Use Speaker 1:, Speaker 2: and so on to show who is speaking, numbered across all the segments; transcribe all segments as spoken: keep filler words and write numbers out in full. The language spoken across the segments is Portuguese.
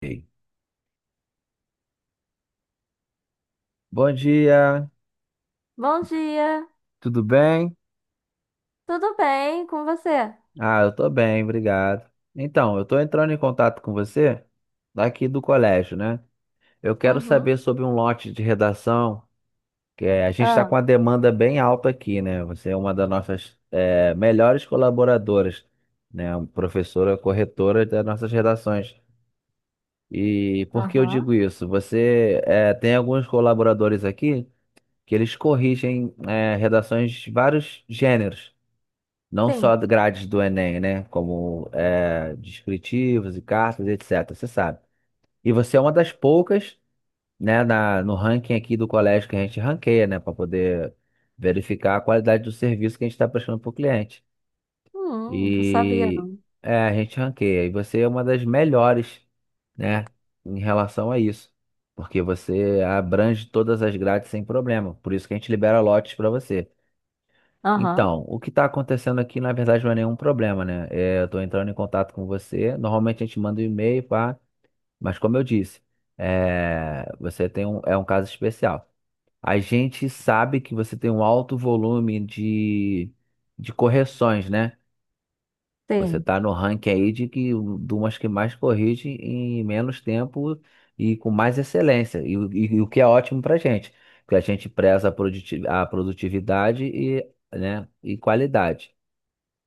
Speaker 1: Ei, bom dia,
Speaker 2: Bom dia,
Speaker 1: tudo bem?
Speaker 2: tudo bem com você?
Speaker 1: Ah, eu tô bem, obrigado. Então, eu tô entrando em contato com você daqui do colégio, né? Eu quero
Speaker 2: Uhum.
Speaker 1: saber sobre um lote de redação, que é, a gente está
Speaker 2: Ah,
Speaker 1: com uma demanda bem alta aqui, né? Você é uma das nossas é, melhores colaboradoras, né? Professora, corretora das nossas redações. E por que eu
Speaker 2: aham,
Speaker 1: digo isso? Você é, tem alguns colaboradores aqui que eles corrigem é, redações de vários gêneros. Não só
Speaker 2: sim.
Speaker 1: grades do Enem, né? Como é, descritivos e cartas, etcétera. Você sabe. E você é uma das poucas, né, na, no ranking aqui do colégio que a gente ranqueia, né? Para poder verificar a qualidade do serviço que a gente está prestando para o cliente.
Speaker 2: Hum, não sabia
Speaker 1: E
Speaker 2: não.
Speaker 1: é, a gente ranqueia. E você é uma das melhores, né? Em relação a isso. Porque você abrange todas as grades sem problema. Por isso que a gente libera lotes para você.
Speaker 2: Aham,
Speaker 1: Então, o que está acontecendo aqui, na verdade, não é nenhum problema, né? É, eu estou entrando em contato com você. Normalmente a gente manda um e-mail, pá, mas como eu disse, é, você tem um, é um caso especial. A gente sabe que você tem um alto volume de, de correções, né? Você
Speaker 2: sim.
Speaker 1: está no ranking aí de, que, de umas que mais corrige em menos tempo e com mais excelência, e, o e o que é ótimo para a gente, porque a gente preza a produti- a produtividade e, né, e qualidade.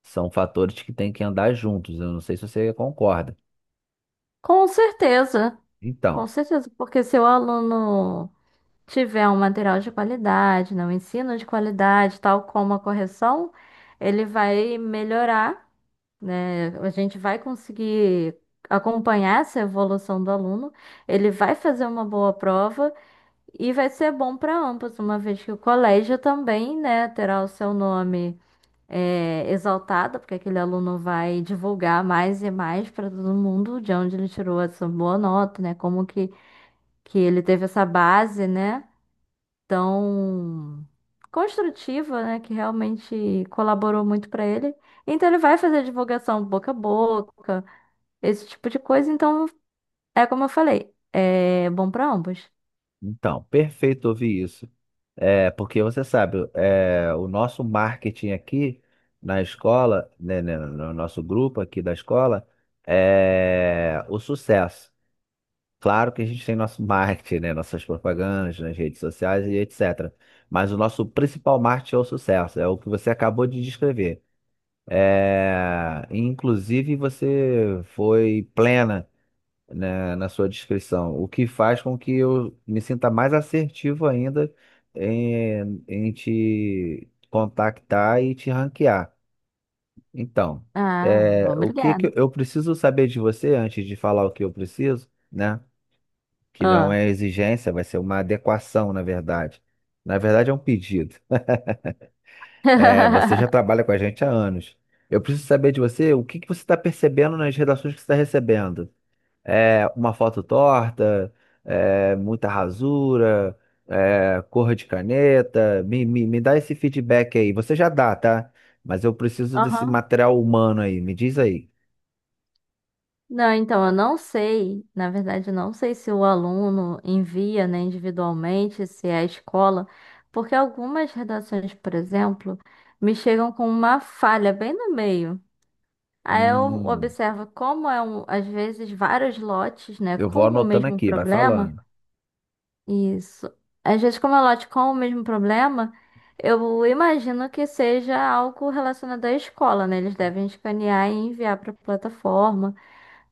Speaker 1: São fatores que têm que andar juntos. Eu não sei se você concorda.
Speaker 2: Com certeza, com
Speaker 1: Então,
Speaker 2: certeza, porque se o aluno tiver um material de qualidade, né, um ensino de qualidade, tal como a correção, ele vai melhorar, né? A gente vai conseguir acompanhar essa evolução do aluno, ele vai fazer uma boa prova. E vai ser bom para ambos, uma vez que o colégio também, né, terá o seu nome é, exaltado, porque aquele aluno vai divulgar mais e mais para todo mundo de onde ele tirou essa boa nota, né, como que, que ele teve essa base, né, tão construtiva, né, que realmente colaborou muito para ele. Então ele vai fazer divulgação boca a boca, esse tipo de coisa. Então, é como eu falei, é bom para ambos.
Speaker 1: então, perfeito ouvir isso. É, porque você sabe, é, o nosso marketing aqui na escola, né, né, no nosso grupo aqui da escola, é o sucesso. Claro que a gente tem nosso marketing, né, nossas propagandas nas redes sociais e etcétera. Mas o nosso principal marketing é o sucesso, é o que você acabou de descrever. É, inclusive, você foi plena, né, na sua descrição, o que faz com que eu me sinta mais assertivo ainda em, em te contactar e te ranquear. Então,
Speaker 2: Ah,
Speaker 1: é, o que que
Speaker 2: obrigada.
Speaker 1: eu preciso saber de você antes de falar o que eu preciso, né? Que não é exigência, vai ser uma adequação, na verdade. Na verdade, é um pedido. É, você já trabalha com a gente há anos. Eu preciso saber de você o que que você está percebendo nas redações que você está recebendo. É, uma foto torta, é, muita rasura, é, cor de caneta. Me, me, me dá esse feedback aí. Você já dá, tá? Mas eu preciso desse
Speaker 2: Aham.
Speaker 1: material humano aí. Me diz aí.
Speaker 2: Não, então eu não sei, na verdade, eu não sei se o aluno envia, né, individualmente, se é a escola, porque algumas redações, por exemplo, me chegam com uma falha bem no meio. Aí eu
Speaker 1: Hum,
Speaker 2: observo como é um, às vezes vários lotes, né,
Speaker 1: eu
Speaker 2: com
Speaker 1: vou
Speaker 2: o
Speaker 1: anotando
Speaker 2: mesmo
Speaker 1: aqui, vai
Speaker 2: problema.
Speaker 1: falando.
Speaker 2: Isso. Às vezes, como é lote com o mesmo problema, eu imagino que seja algo relacionado à escola, né? Eles devem escanear e enviar para a plataforma.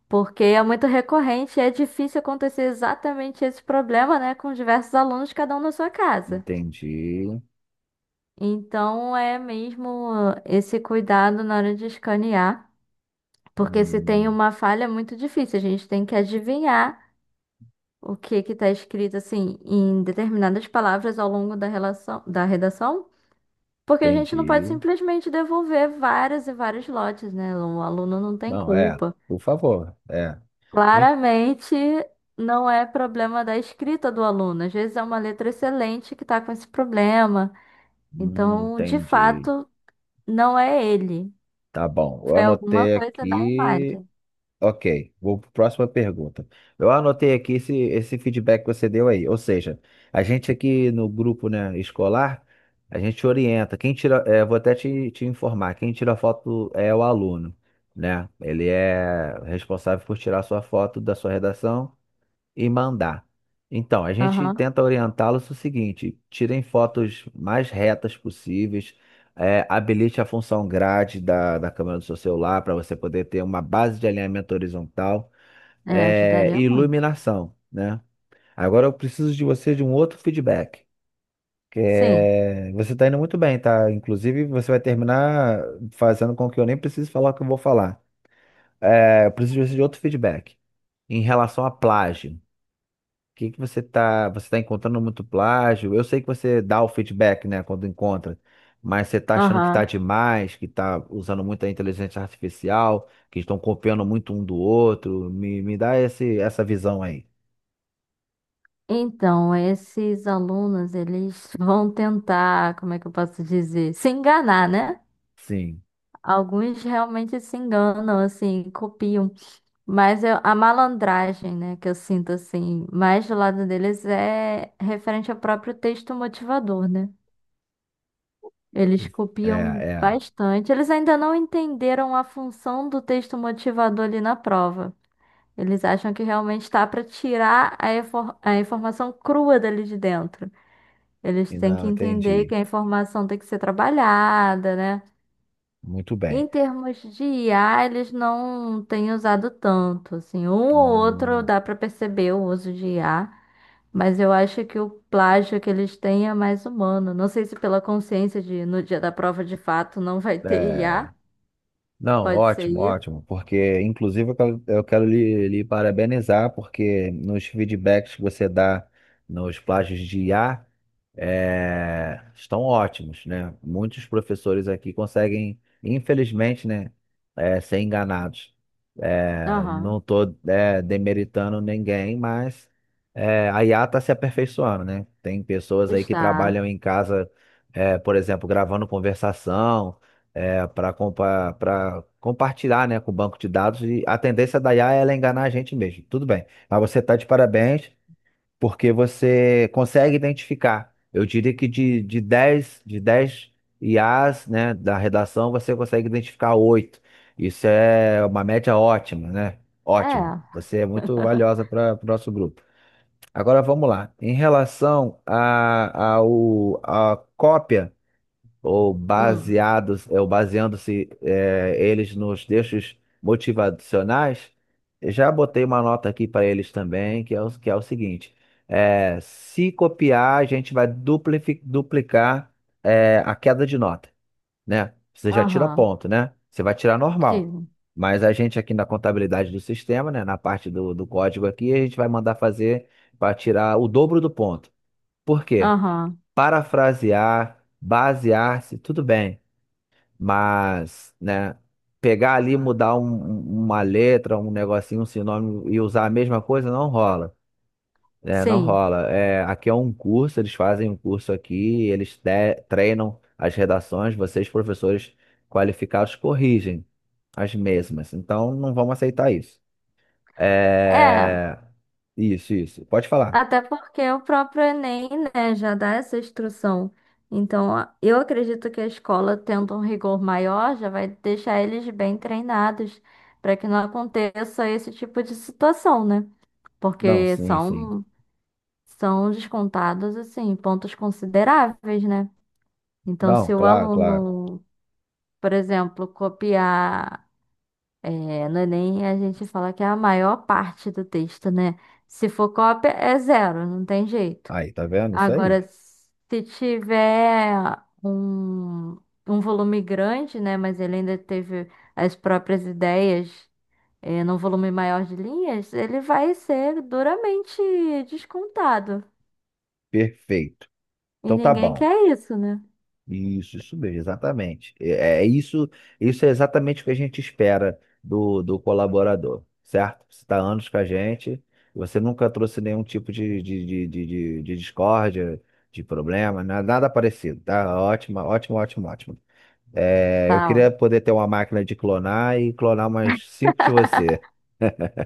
Speaker 2: Porque é muito recorrente e é difícil acontecer exatamente esse problema, né, com diversos alunos, cada um na sua casa.
Speaker 1: Entendi.
Speaker 2: Então é mesmo esse cuidado na hora de escanear, porque se tem
Speaker 1: Hum,
Speaker 2: uma falha é muito difícil, a gente tem que adivinhar o que que está escrito assim em determinadas palavras ao longo da relação, da redação, porque a gente não pode
Speaker 1: entendi.
Speaker 2: simplesmente devolver vários e vários lotes, né? O aluno não tem
Speaker 1: Não, é,
Speaker 2: culpa.
Speaker 1: por favor. É. En-
Speaker 2: Claramente não é problema da escrita do aluno. Às vezes é uma letra excelente que está com esse problema.
Speaker 1: hum,
Speaker 2: Então, de
Speaker 1: entendi.
Speaker 2: fato, não é ele.
Speaker 1: Tá bom. Eu
Speaker 2: Foi alguma
Speaker 1: anotei
Speaker 2: coisa na
Speaker 1: aqui.
Speaker 2: imagem.
Speaker 1: Ok, vou para a próxima pergunta. Eu anotei aqui esse, esse feedback que você deu aí. Ou seja, a gente aqui no grupo, né, escolar, a gente orienta. Quem tira, eh, vou até te, te informar, quem tira foto é o aluno, né? Ele é responsável por tirar sua foto da sua redação e mandar. Então, a gente
Speaker 2: Aham.
Speaker 1: tenta orientá-los o seguinte: tirem fotos mais retas possíveis, é, habilite a função grade da, da câmera do seu celular para você poder ter uma base de alinhamento horizontal,
Speaker 2: É,
Speaker 1: é, e
Speaker 2: ajudaria muito.
Speaker 1: iluminação, né? Agora eu preciso de você de um outro feedback. Que
Speaker 2: Sim.
Speaker 1: é... Você está indo muito bem, tá? Inclusive, você vai terminar fazendo com que eu nem precise falar o que eu vou falar. É, eu preciso de você de outro feedback em relação à plágio, que que você tá, você tá encontrando muito plágio? Eu sei que você dá o feedback, né, quando encontra, mas você tá achando que tá
Speaker 2: Aham.
Speaker 1: demais, que tá usando muita inteligência artificial, que estão copiando muito um do outro. Me, me dá esse, essa visão aí.
Speaker 2: Então, esses alunos, eles vão tentar, como é que eu posso dizer? Se enganar, né?
Speaker 1: Sim,
Speaker 2: Alguns realmente se enganam, assim, copiam. Mas eu- a malandragem, né, que eu sinto, assim, mais do lado deles é referente ao próprio texto motivador, né? Eles
Speaker 1: é,
Speaker 2: copiam
Speaker 1: é.
Speaker 2: bastante. Eles ainda não entenderam a função do texto motivador ali na prova. Eles acham que realmente está para tirar a, infor- a informação crua dali de dentro. Eles
Speaker 1: E
Speaker 2: têm que
Speaker 1: não,
Speaker 2: entender
Speaker 1: entendi.
Speaker 2: que a informação tem que ser trabalhada, né?
Speaker 1: Muito bem.
Speaker 2: Em termos de I A, eles não têm usado tanto, assim, um ou outro
Speaker 1: Hum,
Speaker 2: dá para perceber o uso de I A, mas eu acho que o plágio que eles têm é mais humano. Não sei se pela consciência de no dia da prova de fato não vai ter
Speaker 1: é.
Speaker 2: I A,
Speaker 1: Não,
Speaker 2: pode ser
Speaker 1: ótimo,
Speaker 2: isso.
Speaker 1: ótimo, porque inclusive eu quero, eu quero lhe, lhe parabenizar, porque nos feedbacks que você dá nos plágios de I A é, estão ótimos, né? Muitos professores aqui conseguem, infelizmente, né, é, ser enganados. É,
Speaker 2: Aham,
Speaker 1: não estou demeritando ninguém, mas é, a I A está se aperfeiçoando, né? Tem pessoas aí que
Speaker 2: está.
Speaker 1: trabalham em casa, é, por exemplo, gravando conversação é, para compa para compartilhar, né, com o banco de dados e a tendência da I A é ela enganar a gente mesmo. Tudo bem. Mas você está de parabéns porque você consegue identificar. Eu diria que de, de dez de dez I As, né, da redação, você consegue identificar oito. Isso é uma média ótima, né? Ótimo.
Speaker 2: É.
Speaker 1: Você é muito valiosa para o nosso grupo. Agora vamos lá. Em relação à a, ao, a cópia ou
Speaker 2: Hum.
Speaker 1: baseados, é, ou baseando-se, é, eles nos textos motivacionais, eu já botei uma nota aqui para eles também, que é o, que é o seguinte: é, se copiar, a gente vai duplifi- duplicar é, a queda de nota, né? Você já tira
Speaker 2: Aham.
Speaker 1: ponto, né? Você vai tirar normal.
Speaker 2: Sim.
Speaker 1: Mas a gente aqui na contabilidade do sistema, né, na parte do, do código aqui, a gente vai mandar fazer para tirar o dobro do ponto. Por quê?
Speaker 2: Aham.
Speaker 1: Parafrasear, basear-se, tudo bem. Mas, né, pegar ali, e mudar um- um- uma letra, um negocinho, um sinônimo e usar a mesma coisa não rola. Né? Não
Speaker 2: Sim.
Speaker 1: rola. É, aqui é um curso, eles fazem um curso aqui, eles te- treinam as redações, vocês, professores qualificados, corrigem as mesmas. Então, não vamos aceitar isso.
Speaker 2: É.
Speaker 1: É... Isso, isso. Pode falar.
Speaker 2: Até porque o próprio Enem, né, já dá essa instrução. Então, a- eu acredito que a escola, tendo um rigor maior, já vai deixar eles bem treinados para que não aconteça esse tipo de situação, né?
Speaker 1: Não,
Speaker 2: Porque
Speaker 1: sim, sim.
Speaker 2: são, são descontados, assim, pontos consideráveis, né? Então,
Speaker 1: Não,
Speaker 2: se o
Speaker 1: claro, claro.
Speaker 2: aluno, por exemplo, copiar, é, no Enem, a gente fala que é a maior parte do texto, né? Se for cópia, é zero, não tem jeito.
Speaker 1: Aí, tá vendo? Isso aí.
Speaker 2: Agora, se tiver um, um volume grande, né, mas ele ainda teve as próprias ideias, eh, num volume maior de linhas, ele vai ser duramente descontado.
Speaker 1: Perfeito.
Speaker 2: E
Speaker 1: Então tá
Speaker 2: ninguém
Speaker 1: bom.
Speaker 2: quer isso, né?
Speaker 1: Isso, isso mesmo, exatamente. É, é isso, isso é exatamente o que a gente espera do, do colaborador, certo? Você está anos com a gente, você nunca trouxe nenhum tipo de, de, de, de, de- de discórdia, de problema, na- nada parecido, tá? Ótimo, ótimo, ótimo, ótimo. É, eu
Speaker 2: Tá.
Speaker 1: queria
Speaker 2: Ó.
Speaker 1: poder ter uma máquina de clonar e clonar umas cinco de você.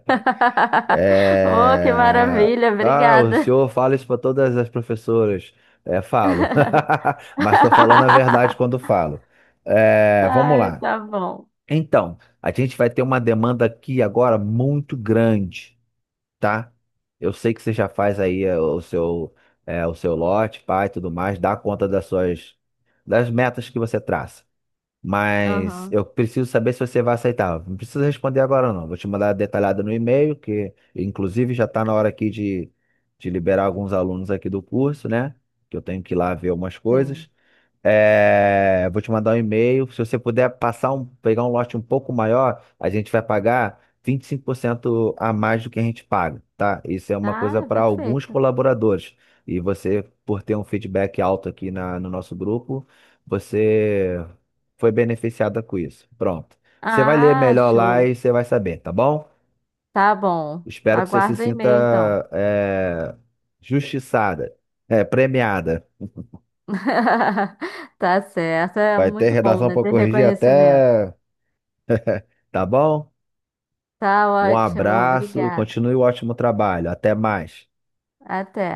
Speaker 2: Oh, que
Speaker 1: É...
Speaker 2: maravilha,
Speaker 1: Ah, o
Speaker 2: obrigada.
Speaker 1: senhor fala isso para todas as professoras. É, falo. Mas estou falando a verdade quando falo. É, vamos
Speaker 2: Ai,
Speaker 1: lá.
Speaker 2: tá bom.
Speaker 1: Então, a gente vai ter uma demanda aqui agora muito grande, tá? Eu sei que você já faz aí, é, o seu, é, o seu lote, pai, tudo mais, dá conta das suas, das metas que você traça. Mas
Speaker 2: Aham,
Speaker 1: eu preciso saber se você vai aceitar. Não precisa responder agora, não. Vou te mandar detalhado no e-mail, que inclusive já está na hora aqui de, de liberar alguns alunos aqui do curso, né? Que eu tenho que ir lá ver umas
Speaker 2: sim.
Speaker 1: coisas. É, vou te mandar um e-mail. Se você puder passar um, pegar um lote um pouco maior, a gente vai pagar vinte e cinco por cento a mais do que a gente paga, tá? Isso é uma coisa
Speaker 2: Ah,
Speaker 1: para alguns
Speaker 2: perfeito.
Speaker 1: colaboradores. E você, por ter um feedback alto aqui na, no nosso grupo, você foi beneficiada com isso. Pronto. Você vai ler
Speaker 2: Ah,
Speaker 1: melhor lá
Speaker 2: show.
Speaker 1: e você vai saber, tá bom?
Speaker 2: Tá bom.
Speaker 1: Espero que você se
Speaker 2: Aguardo o
Speaker 1: sinta,
Speaker 2: e-mail, então.
Speaker 1: é, justiçada, é, premiada.
Speaker 2: Tá certo. É
Speaker 1: Vai ter
Speaker 2: muito bom,
Speaker 1: redação
Speaker 2: né?
Speaker 1: para
Speaker 2: Ter
Speaker 1: corrigir
Speaker 2: reconhecimento.
Speaker 1: até. Tá bom?
Speaker 2: Tá
Speaker 1: Um
Speaker 2: ótimo.
Speaker 1: abraço,
Speaker 2: Obrigada.
Speaker 1: continue o ótimo trabalho. Até mais.
Speaker 2: Até.